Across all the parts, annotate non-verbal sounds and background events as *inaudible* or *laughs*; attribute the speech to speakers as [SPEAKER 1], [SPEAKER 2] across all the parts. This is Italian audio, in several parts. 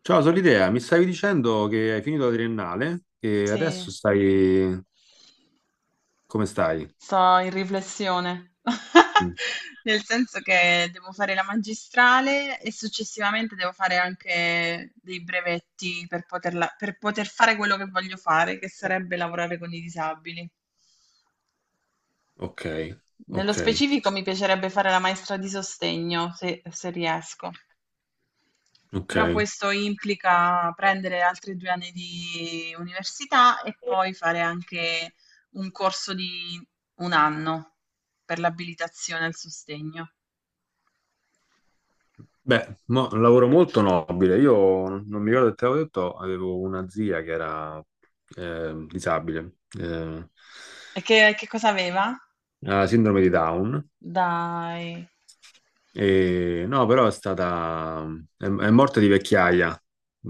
[SPEAKER 1] Ciao Solidea, mi stavi dicendo che hai finito la triennale
[SPEAKER 2] Sì,
[SPEAKER 1] come stai?
[SPEAKER 2] sto in riflessione,
[SPEAKER 1] Mm.
[SPEAKER 2] *laughs* nel senso che devo fare la magistrale e successivamente devo fare anche dei brevetti per per poter fare quello che voglio fare, che sarebbe lavorare con i disabili.
[SPEAKER 1] Ok,
[SPEAKER 2] Nello
[SPEAKER 1] ok,
[SPEAKER 2] specifico mi piacerebbe fare la maestra di sostegno, se riesco.
[SPEAKER 1] ok.
[SPEAKER 2] Però questo implica prendere altri 2 anni di università e poi fare anche un corso di 1 anno per l'abilitazione al sostegno.
[SPEAKER 1] Beh, un lavoro molto nobile. Io non mi ricordo se te l'avevo detto, avevo una zia che era disabile,
[SPEAKER 2] E che cosa aveva?
[SPEAKER 1] ha sindrome di Down.
[SPEAKER 2] Dai,
[SPEAKER 1] E, no, però è morta di vecchiaia.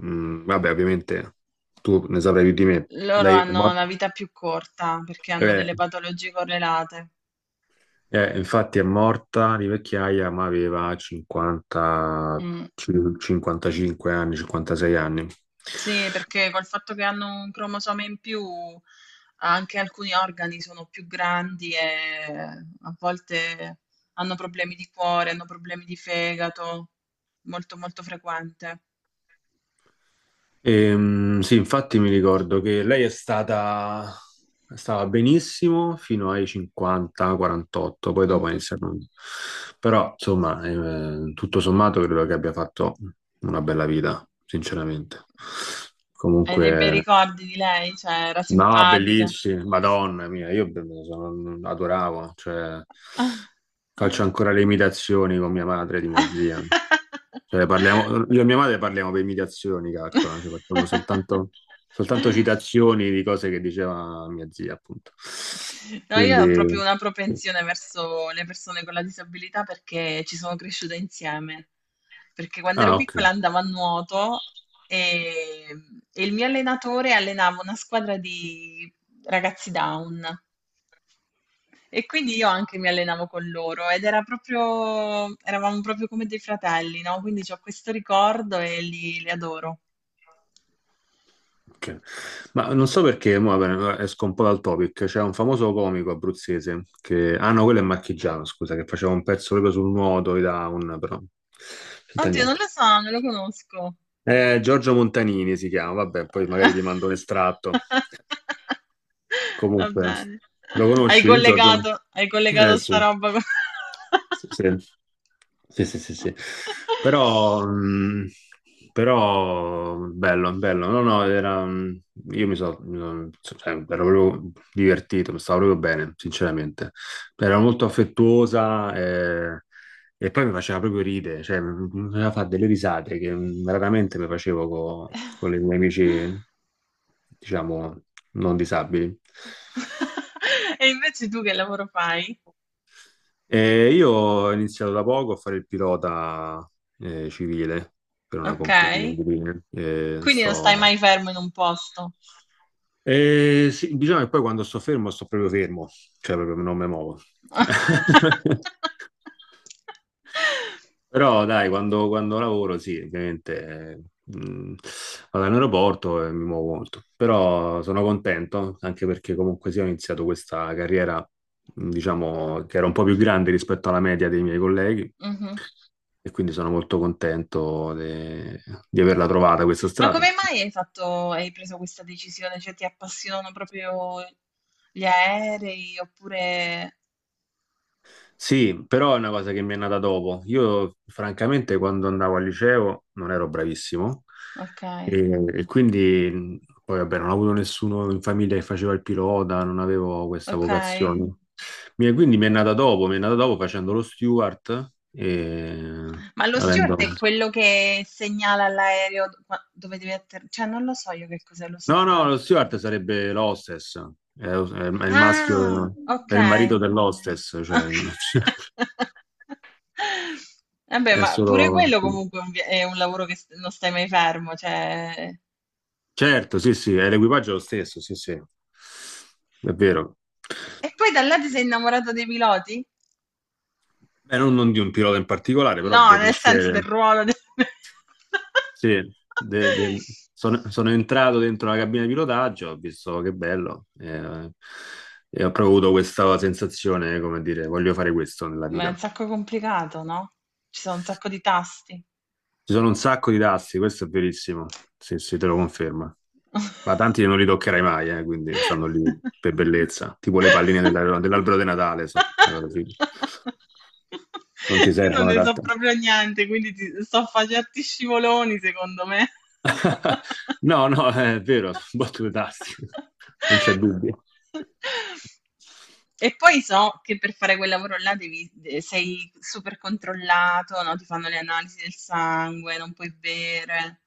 [SPEAKER 1] Vabbè, ovviamente tu ne saprai più di me.
[SPEAKER 2] loro
[SPEAKER 1] Lei è
[SPEAKER 2] hanno
[SPEAKER 1] morta...
[SPEAKER 2] la vita più corta perché hanno
[SPEAKER 1] eh,
[SPEAKER 2] delle patologie correlate.
[SPEAKER 1] Infatti è morta di vecchiaia, ma aveva 50,
[SPEAKER 2] Mh.
[SPEAKER 1] 55 anni, 56 anni.
[SPEAKER 2] Sì, perché col fatto che hanno un cromosoma in più, anche alcuni organi sono più grandi e eh, a volte hanno problemi di cuore, hanno problemi di fegato, molto molto frequente.
[SPEAKER 1] Sì, infatti mi ricordo che lei stava benissimo fino ai 50-48, poi dopo è
[SPEAKER 2] Mhm.
[SPEAKER 1] iniziato. Però, insomma, tutto sommato credo che abbia fatto una bella vita, sinceramente.
[SPEAKER 2] Hai dei bei
[SPEAKER 1] Comunque,
[SPEAKER 2] ricordi di lei? Cioè, era
[SPEAKER 1] no,
[SPEAKER 2] simpatica.
[SPEAKER 1] bellissimi, Madonna mia, adoravo, cioè, faccio ancora le imitazioni con mia madre di mia zia.
[SPEAKER 2] *laughs*
[SPEAKER 1] Cioè, parliamo, io e mia madre parliamo per imitazioni, calcola, cioè, facciamo soltanto citazioni di cose che diceva mia zia, appunto.
[SPEAKER 2] No, io ho proprio
[SPEAKER 1] Quindi,
[SPEAKER 2] una
[SPEAKER 1] sì.
[SPEAKER 2] propensione verso le persone con la disabilità perché ci sono cresciuta insieme. Perché quando ero
[SPEAKER 1] Ah, ok.
[SPEAKER 2] piccola andavo a nuoto e, e il mio allenatore allenava una squadra di ragazzi down e quindi io anche mi allenavo con loro ed era proprio, eravamo proprio come dei fratelli, no? Quindi ho questo ricordo e li adoro.
[SPEAKER 1] Ok. Ma non so perché, mo, vabbè, allora esco un po' dal topic. C'è un famoso comico abruzzese che... Ah no, quello è marchigiano, scusa, che faceva un pezzo proprio sul nuoto, e da un... però... Senta
[SPEAKER 2] Oddio, non
[SPEAKER 1] niente.
[SPEAKER 2] lo so, non lo conosco.
[SPEAKER 1] Giorgio Montanini si chiama, vabbè, poi magari ti mando un estratto.
[SPEAKER 2] *laughs* Va
[SPEAKER 1] Comunque,
[SPEAKER 2] bene.
[SPEAKER 1] lo conosci, Giorgio?
[SPEAKER 2] Hai collegato
[SPEAKER 1] Eh
[SPEAKER 2] sta
[SPEAKER 1] sì.
[SPEAKER 2] roba con...
[SPEAKER 1] Sì, sì, sì, sì, sì, sì.
[SPEAKER 2] *laughs*
[SPEAKER 1] Però, mh, però, bello, bello. No, no, era, io, cioè, ero proprio divertito, mi stavo proprio bene, sinceramente. Era molto affettuosa. E poi mi faceva proprio ridere, cioè mi faceva fare delle risate che raramente mi facevo con i miei amici, diciamo, non disabili.
[SPEAKER 2] E invece tu che lavoro fai?
[SPEAKER 1] E io ho iniziato da poco a fare il pilota civile, per una
[SPEAKER 2] Ok?
[SPEAKER 1] compagnia di linee. E
[SPEAKER 2] Quindi non stai
[SPEAKER 1] sto...
[SPEAKER 2] mai fermo in un posto.
[SPEAKER 1] Sì, bisogna che poi quando sto fermo, sto proprio fermo, cioè proprio non mi muovo.
[SPEAKER 2] *laughs*
[SPEAKER 1] *laughs* Però dai, quando lavoro, sì, ovviamente, vado in aeroporto e mi muovo molto. Però sono contento, anche perché comunque sì, ho iniziato questa carriera, diciamo, che era un po' più grande rispetto alla media dei miei colleghi.
[SPEAKER 2] Mhm.
[SPEAKER 1] E quindi sono molto contento di averla trovata questa
[SPEAKER 2] Ma
[SPEAKER 1] strada.
[SPEAKER 2] come mai hai fatto, hai preso questa decisione? Cioè, ti appassionano proprio gli aerei oppure...
[SPEAKER 1] Sì, però è una cosa che mi è nata dopo. Io, francamente, quando andavo al liceo non ero bravissimo,
[SPEAKER 2] Ok,
[SPEAKER 1] e quindi, poi, vabbè, non ho avuto nessuno in famiglia che faceva il pilota, non avevo questa
[SPEAKER 2] ok.
[SPEAKER 1] vocazione. Quindi mi è nata dopo, mi è nata dopo facendo lo steward e
[SPEAKER 2] Ma lo steward
[SPEAKER 1] avendo...
[SPEAKER 2] è quello che segnala all'aereo dove devi atterrare? Cioè, non lo so io che cos'è lo
[SPEAKER 1] No, no,
[SPEAKER 2] steward.
[SPEAKER 1] lo steward sarebbe l'hostess, è, è- è il
[SPEAKER 2] Ah,
[SPEAKER 1] maschio,
[SPEAKER 2] ok.
[SPEAKER 1] è il marito dell'hostess, cioè...
[SPEAKER 2] Ok.
[SPEAKER 1] *laughs*
[SPEAKER 2] *laughs* Vabbè,
[SPEAKER 1] è
[SPEAKER 2] ma pure
[SPEAKER 1] solo...
[SPEAKER 2] quello comunque è un è un lavoro che s- non stai mai fermo, cioè...
[SPEAKER 1] Certo, sì, sì, è, l'equipaggio è lo stesso, sì, sì, è vero.
[SPEAKER 2] E poi da là ti sei innamorato dei piloti?
[SPEAKER 1] Beh, non di un pilota in particolare, però
[SPEAKER 2] No,
[SPEAKER 1] del
[SPEAKER 2] nel senso del
[SPEAKER 1] mestiere.
[SPEAKER 2] ruolo del...
[SPEAKER 1] Sì, de- del-
[SPEAKER 2] *laughs*
[SPEAKER 1] sono entrato dentro la cabina di pilotaggio, ho visto che bello, e ho proprio avuto questa sensazione, come dire, voglio fare questo nella
[SPEAKER 2] Ma è un
[SPEAKER 1] vita.
[SPEAKER 2] sacco complicato, no? Ci sono un sacco di tasti.
[SPEAKER 1] Ci sono un sacco di tassi, questo è verissimo, sì, sì, te lo confermo. Ma
[SPEAKER 2] *laughs*
[SPEAKER 1] tanti non li toccherai mai, quindi stanno lì
[SPEAKER 2] *laughs*
[SPEAKER 1] per bellezza, tipo le palline dell'albero di Natale, una cosa simile. Non ti
[SPEAKER 2] Io non
[SPEAKER 1] servono
[SPEAKER 2] ne so
[SPEAKER 1] d'altro.
[SPEAKER 2] proprio niente, quindi ti sto a fa' certi scivoloni, secondo me.
[SPEAKER 1] *laughs*
[SPEAKER 2] *laughs*
[SPEAKER 1] No, no, è vero, sono battute tasti, *laughs* non c'è dubbio.
[SPEAKER 2] E poi so che per fare quel lavoro là devi, sei super controllato, no? Ti fanno le analisi del sangue, non puoi bere.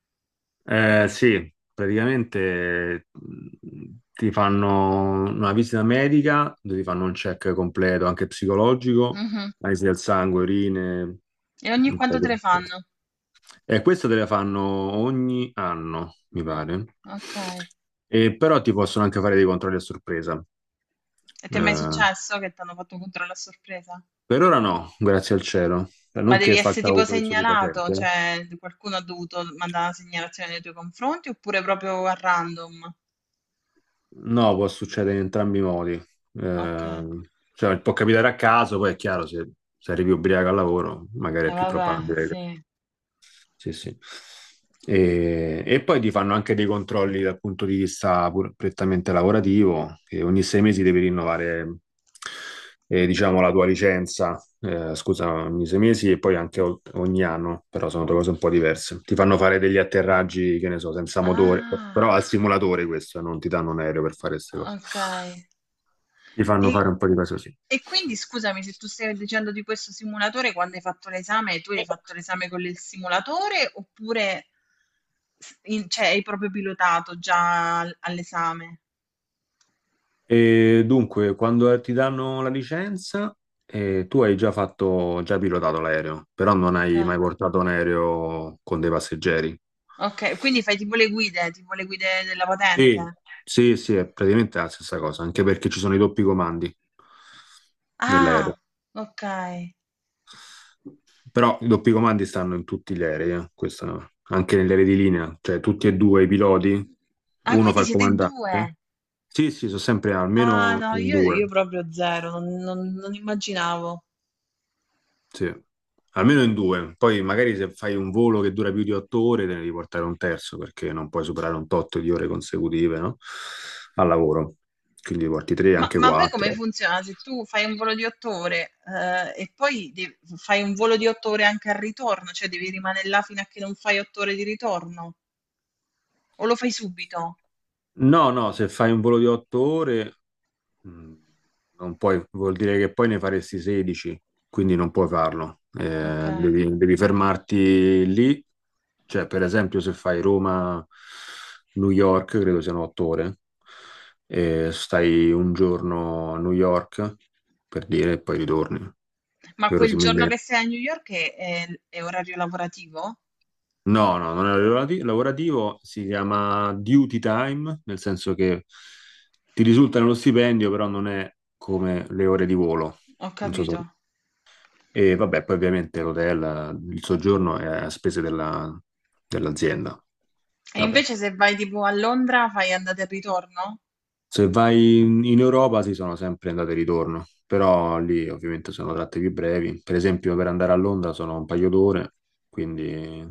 [SPEAKER 1] Sì, praticamente ti fanno una visita medica dove ti fanno un check completo, anche psicologico,
[SPEAKER 2] Mhm.
[SPEAKER 1] analisi del sangue, urine.
[SPEAKER 2] E ogni
[SPEAKER 1] Un po'
[SPEAKER 2] quanto
[SPEAKER 1] di
[SPEAKER 2] te le
[SPEAKER 1] cose.
[SPEAKER 2] fanno?
[SPEAKER 1] E questo te le fanno ogni anno, mi pare.
[SPEAKER 2] Ok.
[SPEAKER 1] E però ti possono anche fare dei controlli a sorpresa.
[SPEAKER 2] E ti è mai
[SPEAKER 1] Eh,
[SPEAKER 2] successo che ti hanno fatto un controllo a sorpresa?
[SPEAKER 1] Per ora no, grazie al cielo. Cioè,
[SPEAKER 2] Ma
[SPEAKER 1] non
[SPEAKER 2] devi
[SPEAKER 1] che
[SPEAKER 2] essere
[SPEAKER 1] faccia
[SPEAKER 2] tipo
[SPEAKER 1] uso di
[SPEAKER 2] segnalato,
[SPEAKER 1] stupefacenti, eh.
[SPEAKER 2] cioè qualcuno ha dovuto mandare una segnalazione nei tuoi confronti oppure proprio a random?
[SPEAKER 1] No, può succedere in entrambi i modi.
[SPEAKER 2] Ok, e
[SPEAKER 1] Cioè, può capitare a caso, poi è chiaro, se, se arrivi ubriaco al lavoro, magari è più
[SPEAKER 2] vabbè,
[SPEAKER 1] probabile.
[SPEAKER 2] sì.
[SPEAKER 1] Sì, sì. E poi ti fanno anche dei controlli dal punto di vista prettamente lavorativo, che ogni 6 mesi devi rinnovare, diciamo, la tua licenza, scusa, ogni 6 mesi e poi anche ogni anno, però sono due cose un po' diverse. Ti fanno fare degli atterraggi, che ne so, senza motore,
[SPEAKER 2] Ah,
[SPEAKER 1] però al simulatore questo, non ti danno un aereo per fare queste cose.
[SPEAKER 2] ok.
[SPEAKER 1] Ti
[SPEAKER 2] E,
[SPEAKER 1] fanno fare un po' di cose così.
[SPEAKER 2] e quindi scusami se tu stai dicendo di questo simulatore, quando hai fatto l'esame, tu hai fatto l'esame con il simulatore oppure cioè, hai proprio pilotato già all'esame?
[SPEAKER 1] E dunque, quando ti danno la licenza, tu hai già fatto, già pilotato l'aereo, però non
[SPEAKER 2] Ok.
[SPEAKER 1] hai mai portato un aereo con dei passeggeri.
[SPEAKER 2] Okay, quindi fai tipo le guide della
[SPEAKER 1] Sì,
[SPEAKER 2] patente?
[SPEAKER 1] sì, sì, è praticamente la stessa cosa, anche perché ci sono i doppi comandi nell'aereo.
[SPEAKER 2] Ah, okay.
[SPEAKER 1] Però i doppi comandi stanno in tutti gli aerei, questo, anche negli aerei di linea, cioè tutti e due i piloti,
[SPEAKER 2] Ah,
[SPEAKER 1] uno fa
[SPEAKER 2] quindi
[SPEAKER 1] il
[SPEAKER 2] siete in
[SPEAKER 1] comandante.
[SPEAKER 2] 2.
[SPEAKER 1] Sì, sì, sono sempre
[SPEAKER 2] Ah
[SPEAKER 1] almeno
[SPEAKER 2] no,
[SPEAKER 1] in
[SPEAKER 2] io
[SPEAKER 1] due.
[SPEAKER 2] proprio 0, non immaginavo.
[SPEAKER 1] Sì, almeno in due. Poi magari se fai un volo che dura più di 8 ore, te ne devi portare un terzo, perché non puoi superare un tot di ore consecutive, no? Al lavoro. Quindi porti tre,
[SPEAKER 2] Ma
[SPEAKER 1] anche
[SPEAKER 2] ma poi come
[SPEAKER 1] quattro.
[SPEAKER 2] funziona? Se tu fai un volo di 8 ore, e poi de fai un volo di 8 ore anche al ritorno, cioè devi rimanere là fino a che non fai 8 ore di ritorno? O lo fai subito?
[SPEAKER 1] No, no, se fai un volo di 8 ore, mh, non puoi, vuol dire che poi ne faresti 16, quindi non puoi farlo.
[SPEAKER 2] Okay.
[SPEAKER 1] Devi, devi fermarti lì. Cioè, per esempio, se fai Roma-New York, credo siano 8 ore, e stai un giorno a New York, per dire, e poi ritorni,
[SPEAKER 2] Ma quel giorno
[SPEAKER 1] verosimilmente.
[SPEAKER 2] che sei a New York è orario lavorativo?
[SPEAKER 1] No, no, non è lavorativo, si chiama duty time, nel senso che ti risulta nello stipendio, però non è come le ore di volo.
[SPEAKER 2] Ho
[SPEAKER 1] Non so se.
[SPEAKER 2] capito.
[SPEAKER 1] E vabbè, poi ovviamente l'hotel, il soggiorno è a spese dell'azienda.
[SPEAKER 2] E
[SPEAKER 1] Vabbè.
[SPEAKER 2] invece se vai tipo a Londra fai andata e ritorno?
[SPEAKER 1] Se vai in Europa si sono sempre andate e ritorno, però lì ovviamente sono tratte più brevi. Per esempio, per andare a Londra sono un paio d'ore, quindi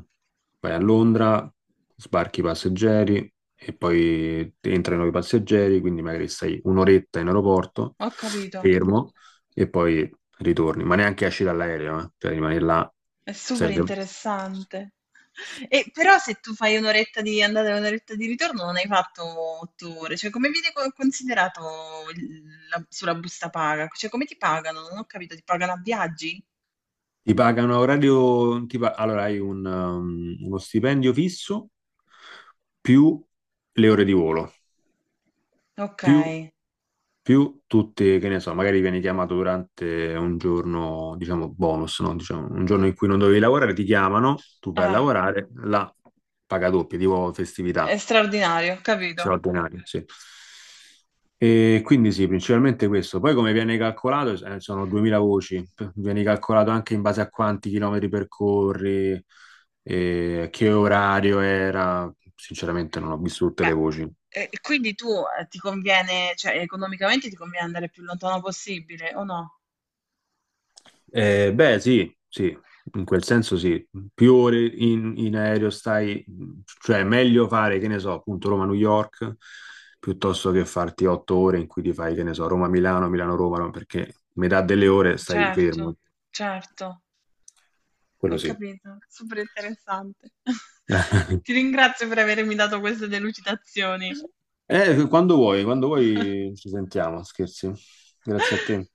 [SPEAKER 1] vai a Londra, sbarchi i passeggeri e poi entrano i passeggeri, quindi magari stai un'oretta in aeroporto,
[SPEAKER 2] Ho capito,
[SPEAKER 1] fermo, e poi ritorni, ma neanche esci dall'aereo, eh. Cioè rimani là,
[SPEAKER 2] è super
[SPEAKER 1] serve.
[SPEAKER 2] interessante. E però se tu fai un'oretta di andata e un'oretta di ritorno non hai fatto 8 ore, cioè come viene considerato sulla busta paga? Cioè come ti pagano? Non ho capito, ti pagano a viaggi?
[SPEAKER 1] Ti pagano a orario, allora hai uno stipendio fisso più le ore di volo,
[SPEAKER 2] Ok,
[SPEAKER 1] più, più tutte, che ne so, magari viene chiamato durante un giorno, diciamo, bonus, no? Diciamo, un giorno in cui non dovevi lavorare, ti chiamano, tu vai a
[SPEAKER 2] ah,
[SPEAKER 1] lavorare, la paga doppia, tipo
[SPEAKER 2] è
[SPEAKER 1] festività
[SPEAKER 2] straordinario, ho capito.
[SPEAKER 1] straordinaria, sì. E quindi sì, principalmente questo. Poi come viene calcolato, sono 2000 voci, viene calcolato anche in base a quanti chilometri percorri, che orario era. Sinceramente non ho visto tutte le
[SPEAKER 2] Beh,
[SPEAKER 1] voci.
[SPEAKER 2] e quindi tu ti conviene, cioè economicamente ti conviene andare il più lontano possibile, o no?
[SPEAKER 1] Beh, sì, sì, in quel senso sì. Più ore in, in aereo stai, cioè è meglio fare, che ne so, appunto Roma-New York, piuttosto che farti 8 ore in cui ti fai, che ne so, Roma-Milano, Milano-Roma, no? Perché metà delle ore stai
[SPEAKER 2] Certo,
[SPEAKER 1] fermo.
[SPEAKER 2] certo. Ho
[SPEAKER 1] Quello sì.
[SPEAKER 2] capito, super interessante. *laughs*
[SPEAKER 1] *laughs*
[SPEAKER 2] Ti ringrazio per avermi dato queste delucidazioni.
[SPEAKER 1] Quando
[SPEAKER 2] *laughs*
[SPEAKER 1] vuoi ci sentiamo, scherzi. Grazie a te.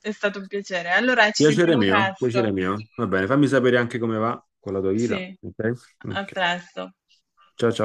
[SPEAKER 2] È stato un piacere. Allora, ci
[SPEAKER 1] Piacere
[SPEAKER 2] sentiamo
[SPEAKER 1] mio, piacere
[SPEAKER 2] presto.
[SPEAKER 1] mio. Va bene, fammi sapere anche come va con la tua vita.
[SPEAKER 2] Sì,
[SPEAKER 1] Ok?
[SPEAKER 2] a
[SPEAKER 1] Ok.
[SPEAKER 2] presto.
[SPEAKER 1] Ciao ciao.